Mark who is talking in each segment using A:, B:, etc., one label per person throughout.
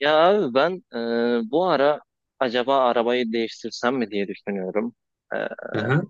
A: Ya abi ben bu ara acaba arabayı değiştirsem mi diye düşünüyorum. E,
B: Aha,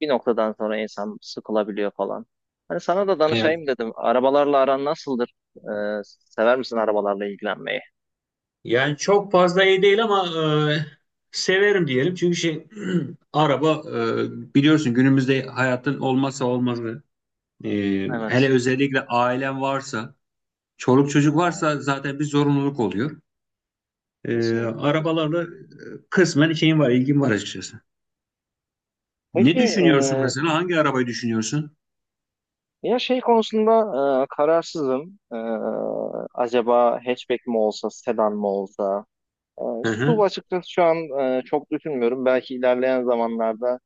A: Bir noktadan sonra insan sıkılabiliyor falan. Hani sana da
B: evet.
A: danışayım dedim. Arabalarla aran nasıldır? E, Sever misin arabalarla ilgilenmeyi?
B: Yani çok fazla iyi değil ama e, severim diyelim. Çünkü şey araba biliyorsun günümüzde hayatın olmazsa olmazı. E, Hele
A: Evet.
B: özellikle ailen varsa, çoluk çocuk
A: Aha.
B: varsa zaten bir zorunluluk oluyor. E,
A: Kesinlikle,
B: arabalarla
A: kesinlikle.
B: kısmen şeyim var, ilgim var açıkçası.
A: Peki
B: Ne
A: e,
B: düşünüyorsun mesela? Hangi arabayı düşünüyorsun?
A: ya şey konusunda kararsızım. Acaba hatchback mi olsa, sedan mı olsa?
B: Hı
A: Su
B: hı,
A: açıkçası şu an çok düşünmüyorum. Belki ilerleyen zamanlarda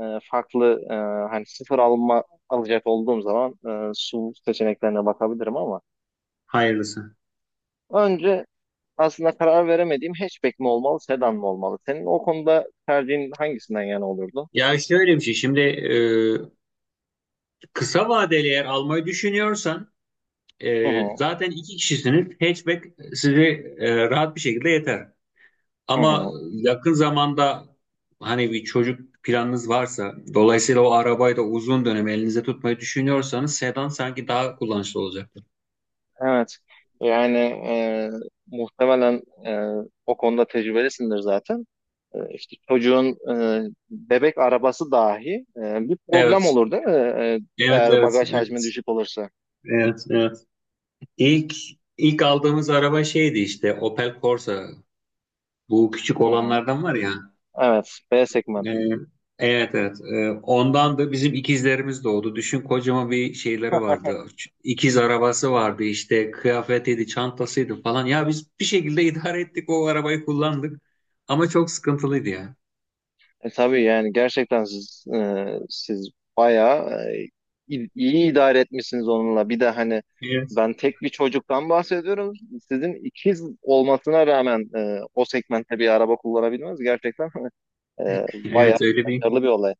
A: e, farklı hani sıfır alma alacak olduğum zaman su seçeneklerine bakabilirim ama
B: hayırlısı.
A: önce aslında karar veremediğim hatchback mi olmalı, sedan mı olmalı? Senin o konuda tercihin hangisinden yana olurdu?
B: Ya şöyle bir şey. Şimdi kısa vadeli eğer almayı düşünüyorsan
A: Hı hı,
B: Zaten iki kişisiniz. Hatchback sizi rahat bir şekilde yeter.
A: hı
B: Ama
A: hı.
B: yakın zamanda hani bir çocuk planınız varsa, dolayısıyla o arabayı da uzun dönem elinizde tutmayı düşünüyorsanız sedan sanki daha kullanışlı olacaktır.
A: Evet. Yani e, muhtemelen o konuda tecrübelisindir zaten. İşte çocuğun bebek arabası dahi bir problem
B: Evet,
A: olur değil mi?
B: evet,
A: Eğer
B: evet,
A: bagaj hacmi
B: evet,
A: düşük olursa.
B: evet, evet. İlk ilk aldığımız araba şeydi işte Opel Corsa. Bu küçük
A: Hı hı.
B: olanlardan var ya.
A: Evet, B segment.
B: Ee, evet evet. Ondan da bizim ikizlerimiz doğdu. Düşün kocaman bir şeyleri vardı. İkiz arabası vardı işte kıyafetiydi, çantasıydı falan. Ya biz bir şekilde idare ettik o arabayı kullandık. Ama çok sıkıntılıydı ya.
A: Tabii, yani gerçekten siz siz bayağı iyi idare etmişsiniz onunla. Bir de hani
B: Evet.
A: ben tek bir çocuktan bahsediyorum. Sizin ikiz olmasına rağmen o segmentte bir araba kullanabilmeniz gerçekten bayağı
B: Evet öyle bir
A: başarılı bir olay.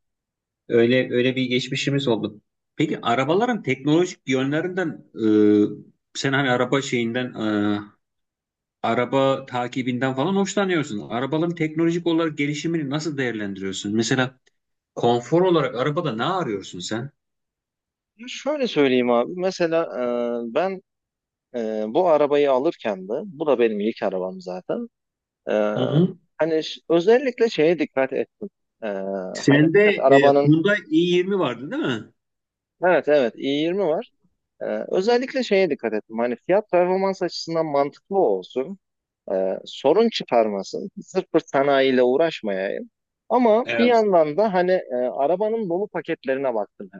B: öyle bir geçmişimiz oldu. Peki arabaların teknolojik yönlerinden sen hani araba şeyinden e, araba takibinden falan hoşlanıyorsun. Arabaların teknolojik olarak gelişimini nasıl değerlendiriyorsun? Mesela konfor olarak arabada ne arıyorsun sen?
A: Şöyle söyleyeyim abi. Mesela ben bu arabayı alırken de, bu da benim ilk arabam zaten. Ee,
B: Hı-hı.
A: Hani özellikle şeye dikkat ettim. Ee, Hani
B: Sende
A: evet
B: e,
A: arabanın,
B: Hyundai i20 vardı değil mi?
A: evet, i20 var. Özellikle şeye dikkat ettim. Hani fiyat performans açısından mantıklı olsun. Sorun çıkarmasın. Sırf bir sanayiyle uğraşmayayım. Ama bir
B: Evet.
A: yandan da hani arabanın dolu paketlerine baktım.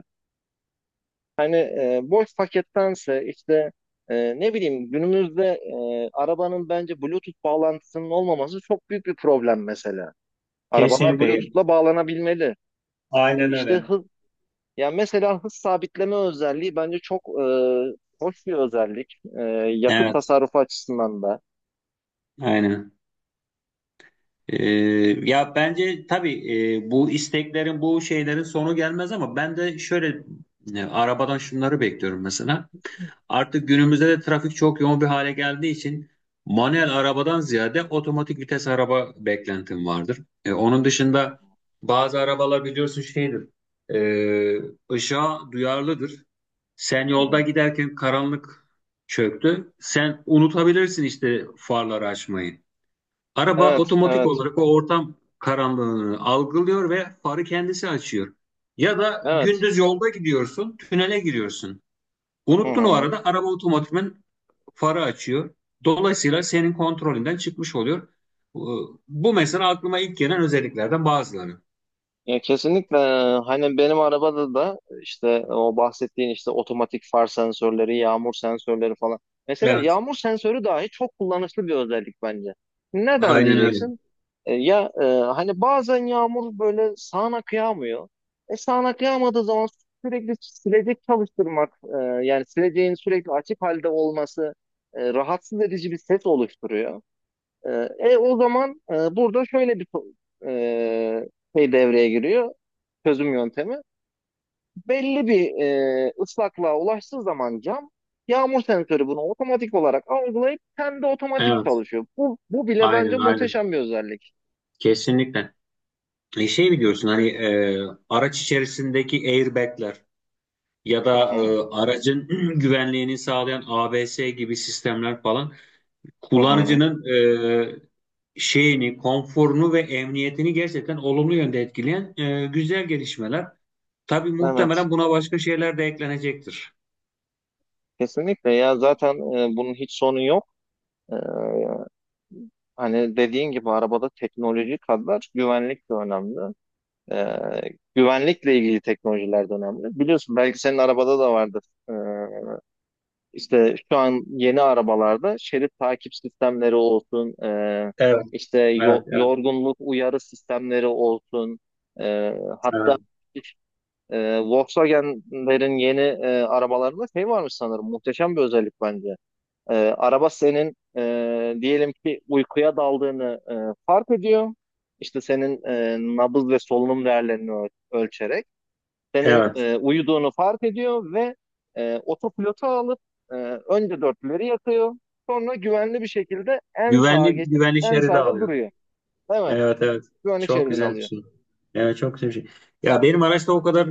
A: Hani boş pakettense işte ne bileyim günümüzde arabanın bence Bluetooth bağlantısının olmaması çok büyük bir problem mesela. Arabalar
B: Kesinlikle.
A: Bluetooth'la bağlanabilmeli.
B: Aynen
A: İşte
B: öyle.
A: hız, ya mesela hız sabitleme özelliği bence çok hoş bir özellik. Yakıt
B: Evet.
A: tasarrufu açısından da.
B: Aynen. E, ya bence tabii bu isteklerin, bu şeylerin sonu gelmez ama ben de şöyle arabadan şunları bekliyorum mesela. Artık günümüzde de trafik çok yoğun bir hale geldiği için manuel arabadan ziyade otomatik vites araba beklentim vardır. E, onun dışında bazı arabalar biliyorsun şeydir, e, ışığa duyarlıdır. Sen
A: Hı
B: yolda
A: hı.
B: giderken karanlık çöktü. Sen unutabilirsin işte farları açmayı. Araba
A: Evet,
B: otomatik
A: evet,
B: olarak o ortam karanlığını algılıyor ve farı kendisi açıyor. Ya da
A: evet.
B: gündüz yolda gidiyorsun, tünele giriyorsun.
A: Hı
B: Unuttun o
A: hı.
B: arada araba otomatikman farı açıyor. Dolayısıyla senin kontrolünden çıkmış oluyor. Bu mesela aklıma ilk gelen özelliklerden bazıları.
A: Ya kesinlikle hani benim arabada da işte o bahsettiğin işte otomatik far sensörleri, yağmur sensörleri falan. Mesela
B: Evet,
A: yağmur sensörü dahi çok kullanışlı bir özellik bence. Neden
B: aynen öyle.
A: diyeceksin? Hani bazen yağmur böyle sağanak kıyamıyor, E sağanak yağmadığı zaman sürekli silecek çalıştırmak, yani sileceğin sürekli açık halde olması rahatsız edici bir ses oluşturuyor. E, burada şöyle bir e, şey devreye giriyor, çözüm yöntemi. Belli bir ıslaklığa ulaştığı zaman cam yağmur sensörü bunu otomatik olarak algılayıp kendi otomatik
B: Evet,
A: çalışıyor. Bu bile bence
B: aynen.
A: muhteşem bir özellik.
B: Kesinlikle. E şey biliyorsun hani araç içerisindeki airbagler ya da
A: Hı hı.
B: aracın güvenliğini sağlayan ABS gibi sistemler falan
A: Hı hı.
B: kullanıcının şeyini, konforunu ve emniyetini gerçekten olumlu yönde etkileyen güzel gelişmeler. Tabii
A: Evet.
B: muhtemelen buna başka şeyler de eklenecektir.
A: Kesinlikle, ya zaten bunun hiç sonu yok. E, Hani dediğin gibi arabada teknoloji kadar güvenlik de önemli. E, Güvenlikle ilgili teknolojiler de önemli. Biliyorsun belki senin arabada da vardır. E, İşte şu an yeni arabalarda şerit takip sistemleri olsun,
B: Evet,
A: işte
B: evet, evet,
A: yorgunluk uyarı sistemleri olsun, e,
B: evet,
A: hatta Volkswagen'lerin yeni arabalarında şey varmış sanırım, muhteşem bir özellik bence. Araba senin diyelim ki uykuya daldığını fark ediyor. İşte senin nabız ve solunum değerlerini ölçerek senin
B: evet.
A: uyuduğunu fark ediyor ve otopilota alıp e, önce dörtlüleri yakıyor. Sonra güvenli bir şekilde en sağa
B: Güvenli,
A: geçip
B: güvenli
A: en
B: şeridi
A: sağda
B: alıyor.
A: duruyor. Evet.
B: Evet, evet.
A: Güvenlik
B: Çok
A: şeridini
B: güzel bir
A: alıyor.
B: şey. Evet, çok güzel bir şey. Ya benim araçta o kadar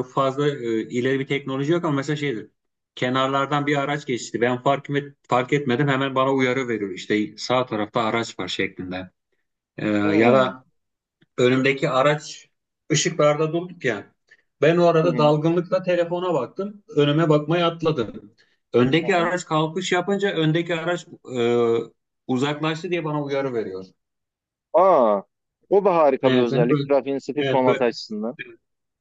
B: fazla ileri bir teknoloji yok ama mesela şeydir. Kenarlardan bir araç geçti. Ben fark etmedim. Hemen bana uyarı veriyor. İşte sağ tarafta araç var şeklinde. E, ya
A: Hmm.
B: da önümdeki araç ışıklarda durduk ya. Ben o
A: Hı hı.
B: arada
A: Hı
B: dalgınlıkla telefona baktım. Önüme bakmayı atladım. Öndeki
A: hı.
B: araç kalkış yapınca öndeki araç e, uzaklaştı diye bana uyarı veriyor.
A: Aa, o da harika bir
B: Evet, yani
A: özellik.
B: böyle,
A: Trafiğin
B: evet, böyle,
A: sıkışmaması açısından.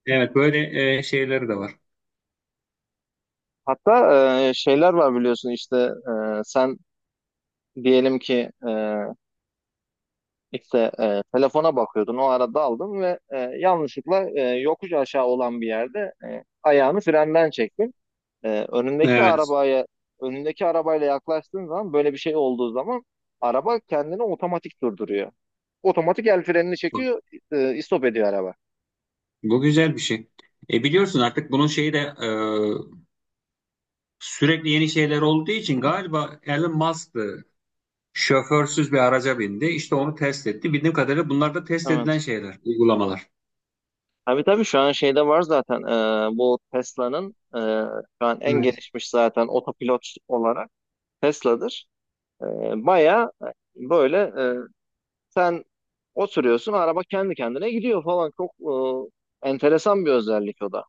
B: evet, böyle şeyleri de var.
A: Hatta şeyler var biliyorsun işte sen diyelim ki işte telefona bakıyordun o arada aldın ve yanlışlıkla yokuş aşağı olan bir yerde ayağını frenden çektin. Ee, önündeki
B: Evet.
A: arabaya önündeki arabayla yaklaştığın zaman böyle bir şey olduğu zaman araba kendini otomatik durduruyor. Otomatik el frenini
B: Bu,
A: çekiyor, istop ediyor araba.
B: bu güzel bir şey. E biliyorsun artık bunun şeyi de sürekli yeni şeyler olduğu için galiba Elon Musk'tı. Şoförsüz bir araca bindi. İşte onu test etti. Bildiğim kadarıyla bunlar da test edilen
A: Evet.
B: şeyler, uygulamalar.
A: Tabii, tabii şu an şeyde var zaten, bu Tesla'nın şu an en
B: Evet.
A: gelişmiş zaten otopilot olarak Tesla'dır. E, Baya böyle sen oturuyorsun, araba kendi kendine gidiyor falan, çok enteresan bir özellik o da.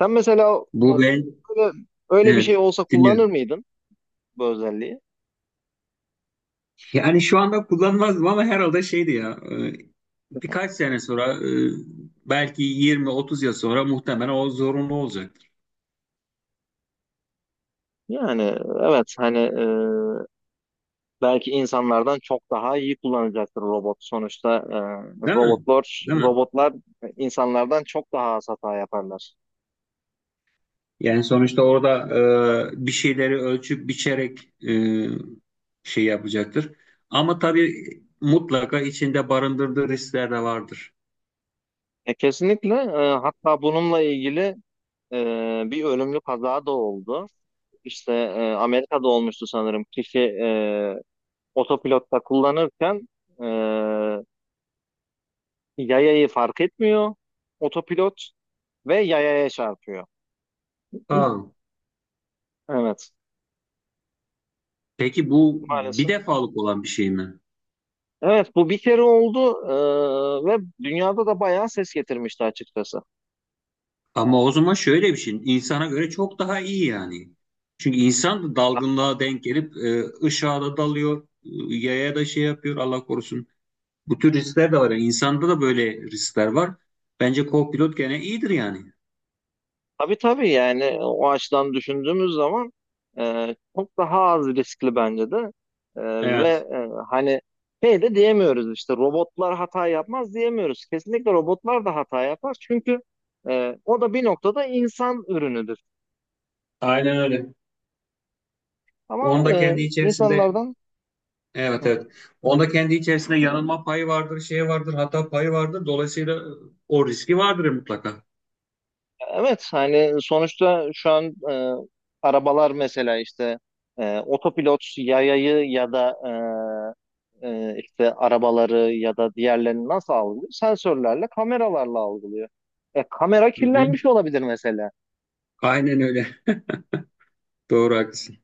A: Sen mesela
B: Bu ben,
A: böyle, öyle bir şey
B: evet,
A: olsa kullanır
B: dinliyorum.
A: mıydın bu özelliği?
B: Yani şu anda kullanmazdım ama herhalde şeydi ya, birkaç sene sonra, belki 20-30 yıl sonra muhtemelen o zorunlu olacaktır.
A: Yani evet, hani belki insanlardan çok daha iyi kullanacaktır robot. Sonuçta
B: Değil mi?
A: robotlar
B: Değil mi?
A: robotlar insanlardan çok daha az hata yaparlar.
B: Yani sonuçta orada bir şeyleri ölçüp biçerek şey yapacaktır. Ama tabii mutlaka içinde barındırdığı riskler de vardır.
A: Kesinlikle, hatta bununla ilgili bir ölümlü kaza da oldu. İşte Amerika'da olmuştu sanırım. Kişi otopilotta kullanırken e, yayayı fark etmiyor otopilot ve yayaya çarpıyor.
B: Aa.
A: Evet,
B: Peki bu bir
A: maalesef.
B: defalık olan bir şey mi?
A: Evet, bu bir kere oldu ve dünyada da bayağı ses getirmişti açıkçası.
B: Ama o zaman şöyle bir şey, insana göre çok daha iyi yani. Çünkü insan da dalgınlığa denk gelip ışığa da dalıyor, yaya da şey yapıyor Allah korusun. Bu tür riskler de var. Yani insanda da böyle riskler var. Bence co-pilot gene iyidir yani.
A: Tabii, tabii yani o açıdan düşündüğümüz zaman çok daha az riskli bence de. E, Ve
B: Evet,
A: hani şey de diyemiyoruz, işte robotlar hata yapmaz diyemiyoruz. Kesinlikle robotlar da hata yapar, çünkü o da bir noktada insan ürünüdür.
B: aynen öyle.
A: Ama
B: Onda kendi içerisinde
A: insanlardan
B: evet evet. Onda kendi içerisinde yanılma payı vardır, şey vardır, hata payı vardır. Dolayısıyla o riski vardır mutlaka.
A: Evet, hani sonuçta şu an e, arabalar mesela işte otopilot yayayı ya da işte arabaları ya da diğerlerini nasıl algılıyor? Sensörlerle, kameralarla algılıyor. Kamera
B: Hı hı.
A: kirlenmiş olabilir mesela.
B: Aynen öyle. Doğru haklısın.